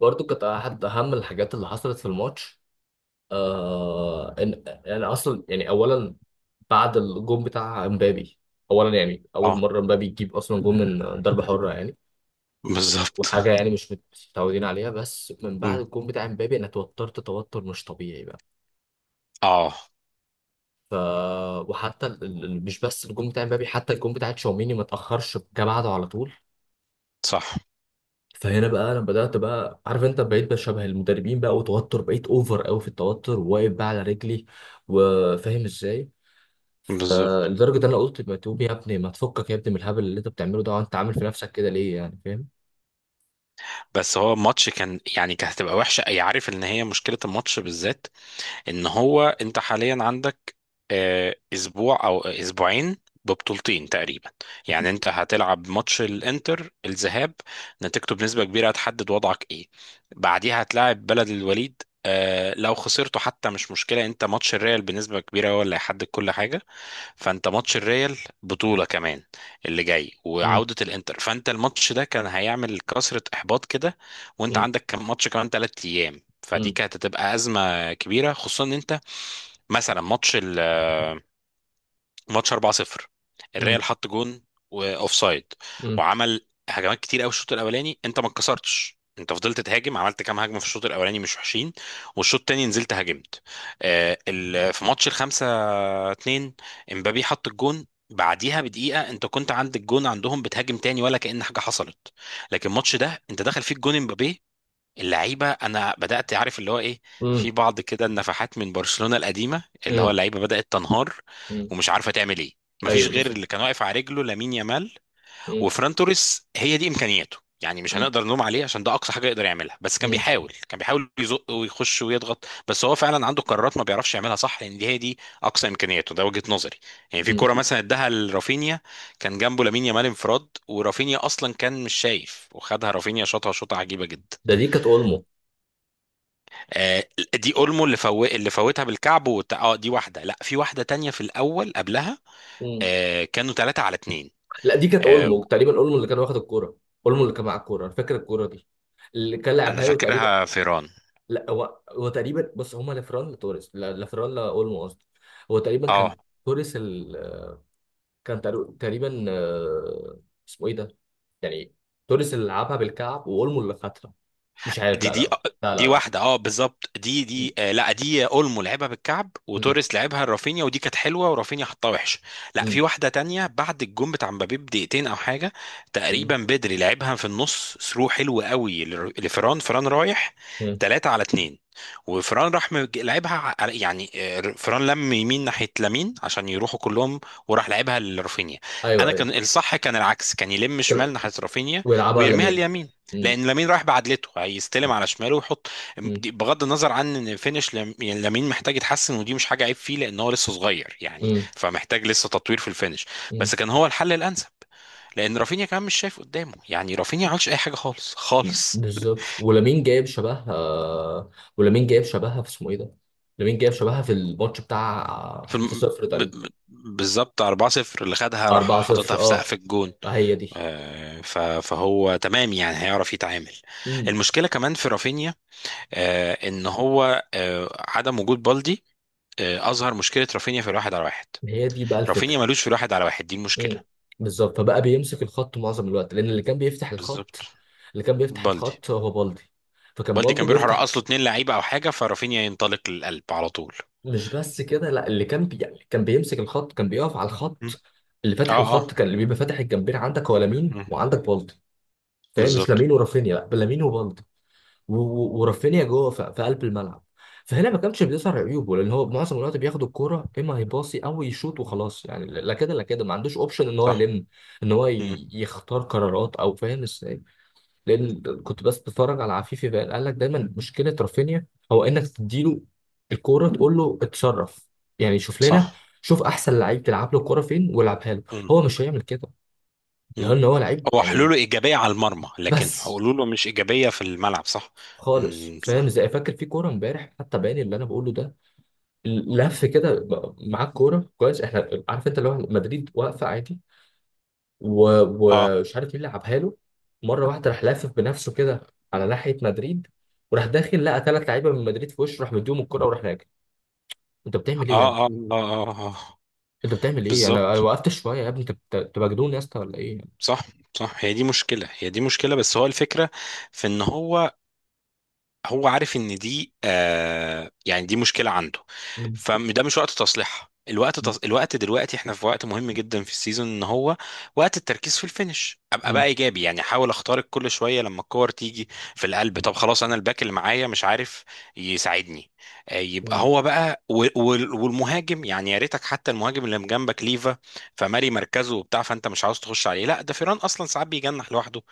برضو كانت أحد أهم الحاجات اللي حصلت في الماتش. إن يعني أصلا يعني أولا بعد الجون بتاع امبابي، أولا يعني أول اه، مرة امبابي يجيب أصلا جون من ضربة حرة يعني، بالظبط. وحاجة يعني مش متعودين عليها. بس من بعد مم. الجون بتاع امبابي أنا توترت توتر مش طبيعي بقى. اه، ف وحتى مش بس الجون بتاع امبابي، حتى الجون بتاع تشاوميني ما تأخرش، جه بعده على طول. صح. فهنا بقى انا بدات، بقى عارف انت، بقيت بشبه المدربين بقى، وتوتر، بقيت اوفر قوي في التوتر، وواقف بقى على رجلي وفاهم ازاي. بالظبط، لدرجه ان انا قلت متوب يا ابني، ما تفكك يا ابني من الهبل اللي انت بتعمله ده، وانت عامل في نفسك كده ليه؟ يعني فاهم. بس هو الماتش كان يعني كانت هتبقى وحشه، اي عارف ان هي مشكله الماتش بالذات ان هو انت حاليا عندك اسبوع او اسبوعين، ببطولتين تقريبا. يعني انت هتلعب ماتش الانتر الذهاب، نتيجته بنسبه كبيره هتحدد وضعك ايه. بعديها هتلاعب بلد الوليد، آه لو خسرته حتى مش مشكله، انت ماتش الريال بنسبه كبيره هو اللي هيحدد كل حاجه. فانت ماتش الريال بطولة كمان اللي جاي مم. وعودة الانتر، فانت الماتش ده كان هيعمل كسرة احباط كده، وانت مم. عندك كم ماتش كمان ثلاث ايام، فدي مم. كانت هتبقى أزمة كبيرة، خصوصا ان انت مثلا ماتش ال آه، ماتش 4-0، مم. الريال حط جون واوف سايد، مم. وعمل هجمات كتير قوي الشوط الاولاني، انت ما اتكسرتش، انت فضلت تهاجم، عملت كام هجمه في الشوط الاولاني مش وحشين. والشوط التاني نزلت هاجمت، في ماتش الخمسة اتنين امبابي حط الجون، بعديها بدقيقة انت كنت عند الجون عندهم بتهاجم تاني ولا كأن حاجة حصلت. لكن الماتش ده انت دخل فيه الجون امبابي، اللعيبة انا بدأت عارف اللي هو ايه، مم. في بعض كده النفحات من برشلونة القديمة، اللي هو مم. اللعيبة بدأت تنهار مم. ومش عارفة تعمل ايه. مفيش ايوه غير بالظبط. اللي كان واقف على رجله لامين يامال مم. وفران توريس. هي دي امكانياته، يعني مش مم. هنقدر نلوم عليه عشان ده اقصى حاجه يقدر يعملها، بس كان مم. بيحاول، كان بيحاول يزق ويخش ويضغط، بس هو فعلا عنده قرارات ما بيعرفش يعملها صح، لان دي هي دي اقصى امكانياته، ده وجهه نظري. يعني في كوره مم. مثلا اداها لرافينيا، كان جنبه لامين يامال انفراد، ورافينيا اصلا كان مش شايف وخدها رافينيا شاطها شوطه عجيبه جدا. ده دي كانت اولمو. آه، دي اولمو اللي فوتها بالكعب اه دي واحده، لا في واحده تانية في الاول قبلها. مم. كانوا ثلاثة على اتنين. لا دي كانت آه، اولمو تقريبا، اولمو اللي كان واخد الكوره، اولمو اللي كان معاه الكوره، أنا فاكر الكوره دي اللي كان انا لعبها له تقريبا. فاكرها فيران. لا هو هو تقريبا، بص هما لفران لتوريس، لا- لفران لاولمو قصدي. هو تقريبا كان اه توريس ال... كان تقريبا، اسمه ايه ده يعني؟ توريس اللي لعبها بالكعب واولمو اللي خدها. مش عارف، دي لا لا. دي لا لا دي لا، صح. واحده اه بالظبط، دي م- دي آه لا دي اولمو لعبها بالكعب م- وتوريس لعبها لرافينيا، ودي كانت حلوه ورافينيا حطها وحش. لا في م- واحده تانية بعد الجون بتاع مبابي بدقيقتين او حاجه م- تقريبا، بدري لعبها في النص ثرو حلو قوي لفران، فران رايح م. 3 على 2، وفران لعبها على يعني فران لم يمين ناحيه لامين عشان يروحوا كلهم، وراح لعبها لرافينيا. ايوه انا ايوه. كان الصح كان العكس، كان يلم كل- شمال ناحيه رافينيا ويلعبها ويرميها لمين؟ اليمين، م- لان لامين رايح بعدلته هيستلم على شماله ويحط. م- بغض النظر عن ان يعني لامين محتاج يتحسن، ودي مش حاجه عيب فيه لان هو لسه صغير، يعني م- فمحتاج لسه تطوير في الفينش. م. بس كان هو الحل الانسب، لان رافينيا كمان مش شايف قدامه، يعني رافينيا ما عملش اي حاجه خالص خالص بالظبط، ولامين جايب شبهها. ولامين جايب شبهها في اسمه ايه ده. لامين جايب شبهها في الماتش بتاع في الم... 5-0 ب... تقريبا. ب- بالظبط 4-0 اللي خدها راح أربعة حاططها صفر، في سقف أه. الجون. هي دي. فهو تمام، يعني هيعرف يتعامل. امم. المشكله كمان في رافينيا، ان هو عدم وجود بالدي اظهر مشكله رافينيا في الواحد على واحد. هي دي بقى الفكرة. رافينيا ملوش في الواحد على واحد، دي المشكله. امم. بالظبط، فبقى بيمسك الخط معظم الوقت، لأن اللي كان بيفتح بالظبط. الخط، اللي كان بيفتح بالدي، الخط هو بالدي. فكان بالدي بالدي كان بيروح بيفتح. رقص له اتنين لعيبه او حاجه، فرافينيا ينطلق للقلب على طول. مش بس كده لا، يعني كان بيمسك الخط، كان بيقف على مم. الخط. اللي فاتح اه، الخط، اه. كان اللي بيبقى فاتح الجنبين عندك هو لامين مم. وعندك بالدي. فاهم؟ مش بالظبط. لامين ورافينيا، لا لامين وبالدي. ورافينيا جوه في قلب الملعب. فهنا ما كانش بيظهر عيوبه لان هو معظم الوقت بياخد الكوره، اما هيباصي او يشوط وخلاص يعني. لا كده لا كده ما عندوش اوبشن ان هو صح. يلم، ان هو مم. يختار قرارات، او فاهم ازاي. لان كنت بس بتفرج على عفيفي بقى، قال لك دايما مشكله رافينيا هو انك تديله الكوره تقول له اتصرف. يعني شوف لنا، صح. شوف احسن لعيب تلعب له الكوره فين والعبها له. مم. هو مش هيعمل كده مم. لان هو لعيب هو يعني. حلوله ايجابيه على المرمى، لكن بس حلوله مش ايجابيه في الملعب، صح. خالص، مم. فاهم صح. ازاي. فاكر في كوره امبارح حتى باين اللي انا بقوله ده. لف كده معاه الكوره كويس، احنا عارف انت، اللي هو مدريد واقفه عادي. و- اه، ومش عارف مين لعبها له. مره واحده راح لافف بنفسه كده على ناحيه مدريد، وراح داخل لقى ثلاث لعيبه من مدريد في وشه، راح مديهم الكوره وراح راجع. انت بتعمل ايه يا اه، ابني؟ اه، اه، اه آه. انت بتعمل ايه؟ انا بالظبط. وقفت شويه يا ابني، انت انت مجنون يا اسطى ولا ايه؟ صح. صح، هي دي مشكله، هي دي مشكله، بس هو الفكره في ان هو، هو عارف ان دي آه يعني دي مشكله عنده، مم. فده مش وقت تصليحها، مم. الوقت دلوقتي احنا في وقت مهم جدا في السيزون، ان هو وقت التركيز في الفينش، ابقى بقى مم. ايجابي، يعني احاول اخترق كل شويه لما الكور تيجي في القلب. طب خلاص انا الباك اللي معايا مش عارف يساعدني، آه يبقى مم. هو بقى والمهاجم، يعني يا ريتك حتى المهاجم اللي جنبك ليفا فماري مركزه وبتاع، فانت مش عاوز تخش عليه، لا ده فيران اصلا ساعات بيجنح لوحده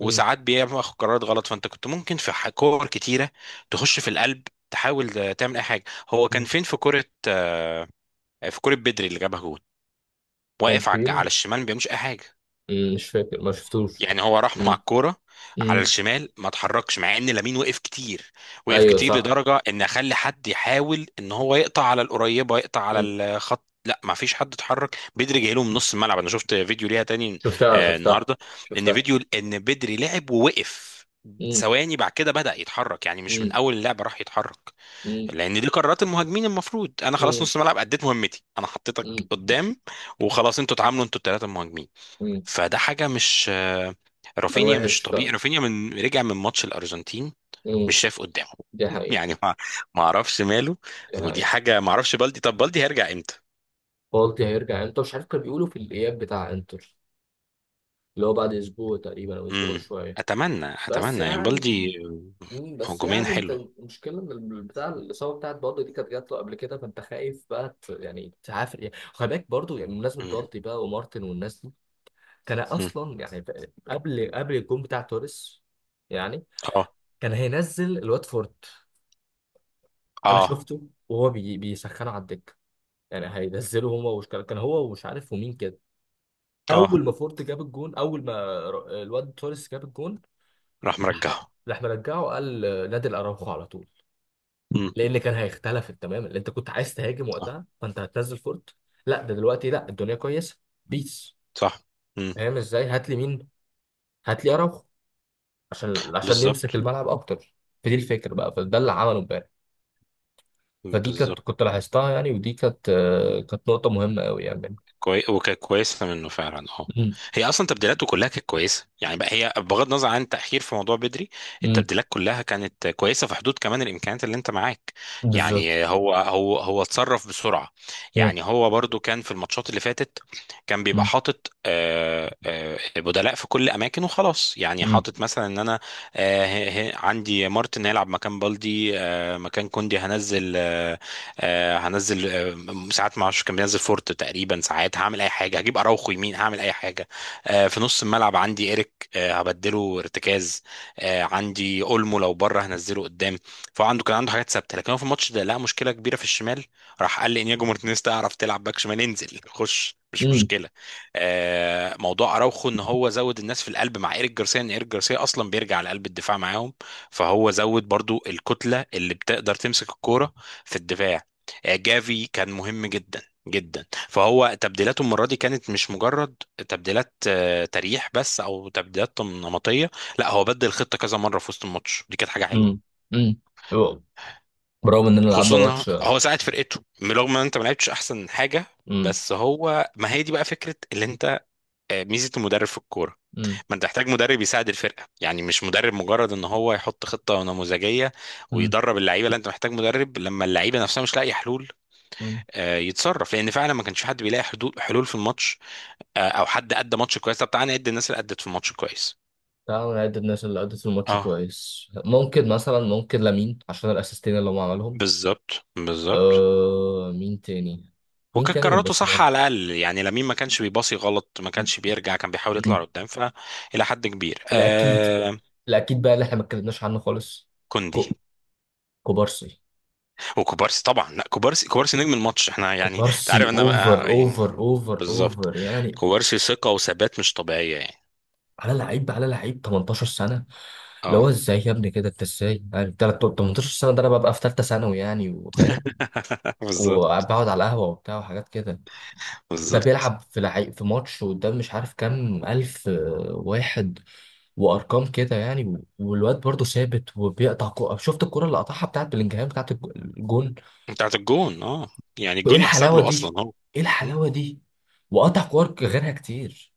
مم. بياخد قرارات غلط، فانت كنت ممكن في كور كتيره تخش في القلب تحاول تعمل اي حاجه. هو كان مم. فين في كره في كره بدري اللي جابها جول، كان واقف على على فين؟ الشمال ما بيعملش اي حاجه. مم. مش فاكر، ما شفتوش. يعني هو راح مع مم. الكوره على مم. الشمال ما اتحركش، مع ان لامين وقف كتير، وقف ايوه كتير صح. لدرجه ان اخلي حد يحاول ان هو يقطع على القريبه يقطع على مم. الخط، لا ما فيش حد اتحرك. بدري جاي له من نص الملعب، انا شفت فيديو ليها تاني شفتها شفتها. النهارده، ان شفتها. فيديو ان بدري لعب ووقف مم. ثواني بعد كده بدأ يتحرك، يعني مش من اول اللعبه راح يتحرك، مم. لان دي قرارات المهاجمين. المفروض انا خلاص مم. نص ملعب اديت مهمتي، انا حطيتك مم. قدام وخلاص، انتوا اتعاملوا انتوا الثلاثه مهاجمين. مم. فده حاجه مش كان رافينيا وحش مش طبيعي، فعلا. رافينيا من رجع من ماتش الارجنتين مش مم. شايف قدامه دي حقيقة. يعني ما ما اعرفش ماله، دي ودي حقيقة. حاجه ما اعرفش. بالدي، طب بالدي هيرجع امتى؟ بالدي هيرجع انتر، مش عارف، كانوا بيقولوا في الإياب بتاع انتر، اللي هو بعد أسبوع تقريبا أو أسبوع امم، شوية. اتمنى بس اتمنى يعني يعني. بالدي. مم. بس هجوميا يعني انت حلو. المشكلة ان بتاع الإصابة بتاعت بالدي دي كانت جات له قبل كده، فانت خايف بقى يعني تعافر يعني. خلي بالك برضه يعني بمناسبة مم. بالدي بقى ومارتن والناس دي. كان مم. أصلا يعني قبل الجون بتاع توريس يعني اه. كان هينزل الواتفورد. انا اه. شفته وهو بيسخنه على الدكه. يعني هينزلوا هما، وش كان، كان هو ومش عارف ومين كده. اه. اول ما فورت جاب الجون، اول ما الواد توريس جاب الجون، راح راح مرجعه. مرجعه. قال نادي الاراوخو على طول. مم. لان كان هيختلف تماما. اللي انت كنت عايز تهاجم آه. وقتها فانت هتنزل فورت. لا ده دلوقتي لا، الدنيا كويسه. بيس. صح. مم. فاهم ازاي، هات لي مين، هات لي اراوخو عشان عشان يمسك بالظبط. الملعب اكتر. فدي الفكره بقى، فده اللي عمله امبارح. فدي كانت، بالظبط. كنت لاحظتها يعني، ودي كانت، كانت نقطه مهمه قوي يعني. وكانت كويسه منه فعلا اه. امم. هي اصلا تبديلاته كلها كانت كويسه يعني، بقى هي بغض النظر عن تاخير في موضوع بدري، امم. التبديلات كلها كانت كويسه في حدود كمان الامكانيات اللي انت معاك. بالظبط. يعني هو هو هو اتصرف بسرعه، يعني هو برضو كان في الماتشات اللي فاتت كان بيبقى حاطط بدلاء في كل اماكن وخلاص، يعني امم. حاطط مثلا ان انا عندي مارتن هيلعب مكان بالدي، مكان كوندي هنزل هنزل ساعات ما اعرفش كان بينزل فورت تقريبا، ساعات هعمل اي حاجه هجيب اراوخو يمين، هعمل اي حاجه في نص الملعب عندي ايريك، هبدله ارتكاز، عندي اولمو لو بره هنزله قدام. فهو عنده كان عنده حاجات ثابته، لكن هو في الماتش ده لقى مشكله كبيره في الشمال، راح قال لانياجو مارتينيز تعرف تلعب باك شمال، انزل خش مش امم. مشكله. موضوع اراوخو ان هو زود الناس في القلب مع ايريك جارسيا، ان ايريك جارسيا اصلا بيرجع لقلب الدفاع معاهم، فهو زود برضو الكتله اللي بتقدر تمسك الكوره في الدفاع. جافي كان مهم جدا جدا. فهو تبديلاته المره دي كانت مش مجرد تبديلات تريح بس او تبديلات نمطيه، لا هو بدل الخطه كذا مره في وسط الماتش، دي كانت حاجه حلوه. امم. امم. برغم اننا لعبنا خصوصا إن ماتش. هو ساعد فرقته رغم ان انت ما لعبتش احسن حاجه. امم. بس هو ما هي دي بقى فكره اللي انت ميزه المدرب في الكوره، امم. ما انت تحتاج مدرب يساعد الفرقه، يعني مش مدرب مجرد ان هو يحط خطه نموذجيه امم. ويدرب اللعيبه، لا انت محتاج مدرب لما اللعيبه نفسها مش لاقي حلول امم. يتصرف، لان فعلا ما كانش حد بيلاقي حدود حلول في الماتش او حد ادى ماتش كويس. طب تعالى نعد الناس اللي ادت في الماتش كويس. تعالوا نعد الناس اللي أدت الماتش اه كويس، ممكن مثلا، ممكن لامين عشان الاسيستين اللي هو عملهم. بالظبط، بالظبط. آه مين تاني، مين وكانت تاني من قراراته صح برشلونة. على الاقل يعني لمين، ما كانش بيباصي غلط، ما كانش بيرجع، كان بيحاول امم. يطلع قدام، فالى حد كبير الاكيد. آه. الاكيد بقى اللي احنا ما اتكلمناش عنه خالص. كوندي كو... كوبارسي. وكوبارسي طبعا، لا كوبارسي، كوبارسي نجم الماتش، احنا يعني انت عارف كوبارسي انا اوفر اوفر يعني اوفر بالظبط. اوفر يعني. كوبارسي ثقة وثبات مش طبيعية يعني. على لعيب، على لعيب 18 سنة. اللي اه هو ازاي يا ابني كده، انت ازاي يعني؟ 18 سنه ده، انا ببقى في ثالثه ثانوي يعني وفاهم، بالظبط، وبقعد على القهوه وبتاع وحاجات كده. ده بالظبط. بيلعب في في ماتش قدام مش عارف كام الف واحد وارقام كده يعني. والواد برضه ثابت وبيقطع شفت الكره اللي قطعها بتاعت بلينجهام بتاعت الجون. بتاعت الجون اه. يعني وايه الجون يحسب الحلاوه له دي، اصلا هو. ايه م؟ الحلاوه دي. وقطع كور غيرها كتير.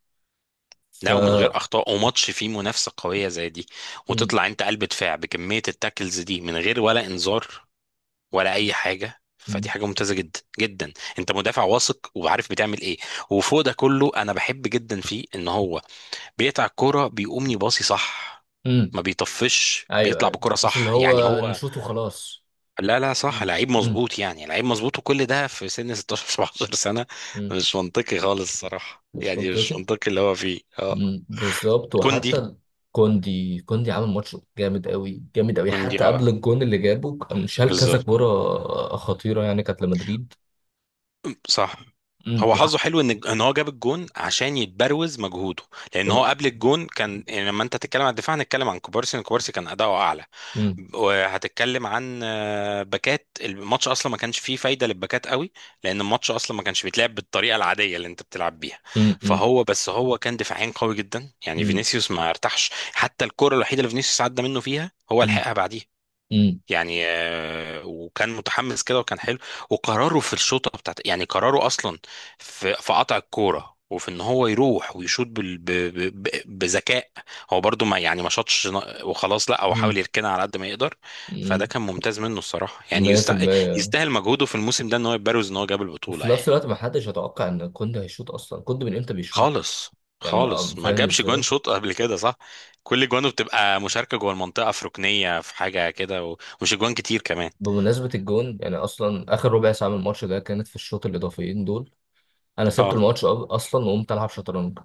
ف لا ومن غير اخطاء، وماتش فيه منافسه قويه زي دي، م- وتطلع انت قلب دفاع بكميه التاكلز دي من غير ولا انذار ولا اي حاجه، فدي م- حاجه ممتازه جدا جدا. انت مدافع واثق وعارف بتعمل ايه. وفوق ده كله انا بحب جدا فيه ان هو بيقطع الكوره بيقوم يباصي صح، م. ما بيطفش، ايوه بيطلع ايوه، بكرة مش اللي صح، يعني هو هو. نشوط وخلاص. لا لا م- صح، لعيب م- مظبوط، يعني لعيب مظبوط، وكل ده في سن 16 17 سنة، م. مش منطقي خالص الصراحة، مش يعني مش منطقي. منطقي اللي هو فيه اه. مم، بالظبط كوندي. وحتى كوندي. كوندي عامل ماتش جامد قوي جامد قوي، كوندي حتى قبل اه، الجون اللي جابه كان شال كذا بالظبط كوره خطيره يعني كانت لمدريد. صح. مم، هو حظه حلو ان ان هو جاب الجون عشان يتبروز مجهوده، لان هو وب- قبل الجون كان يعني، لما انت تتكلم عن الدفاع هنتكلم عن كوبارسي، إن كوبارسي كان اداؤه اعلى، مم، وهتتكلم عن باكات الماتش اصلا ما كانش فيه فايده للباكات قوي، لان الماتش اصلا ما كانش بيتلعب بالطريقه العاديه اللي انت بتلعب بيها. مم، مم، فهو بس هو كان دفاعيا قوي جدا، يعني مم، فينيسيوس ما ارتاحش، حتى الكره الوحيده اللي فينيسيوس عدى منه فيها هو مم، لحقها بعديها. مم، يعني وكان متحمس كده وكان حلو. وقراره في الشوطه بتاعت يعني، قراره اصلا في في قطع الكوره وفي ان هو يروح ويشوط بال... ب... ب... ب- بذكاء، هو برضو ما يعني ما شاطش ن- وخلاص، لا هو حاول مم، يركنها على قد ما يقدر. فده مم، كان ممتاز منه الصراحه، يعني 100%. يستاهل مجهوده في الموسم ده ان هو يبرز، ان هو جاب وفي البطوله نفس يعني. الوقت ما حدش يتوقع ان كوندي هيشوط، اصلا كوندي من امتى بيشوط؟ خالص، يعني ما خالص ما فاهم جابش جوان ازاي. شوط قبل كده صح. كل جوانه بتبقى مشاركه جوه المنطقه في ركنيه في حاجه كده ومش جوان كتير كمان. بمناسبة الجون، يعني اصلا اخر ربع ساعة من الماتش ده كانت في الشوط الاضافيين دول، انا سبت اه الماتش اصلا وقمت العب شطرنج.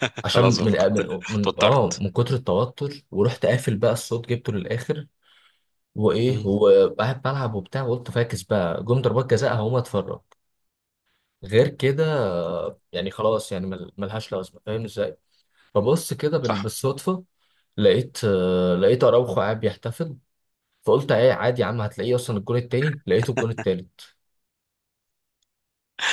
عشان خلاص من فقدت من من اه توترت. من كتر التوتر، ورحت قافل بقى الصوت، جبته للاخر. وايه مم. هو، قاعد بلعب وبتاع وقلت فاكس بقى جم ضربات جزاء هقوم اتفرج. غير كده يعني خلاص يعني ملهاش لازمه فاهم ازاي. مم. فبص كده صح. بالصدفه لقيت، لقيت اراوخو قاعد بيحتفل. فقلت ايه عادي يا عم، هتلاقيه اصلا. الجون التاني لقيته، الجون التالت.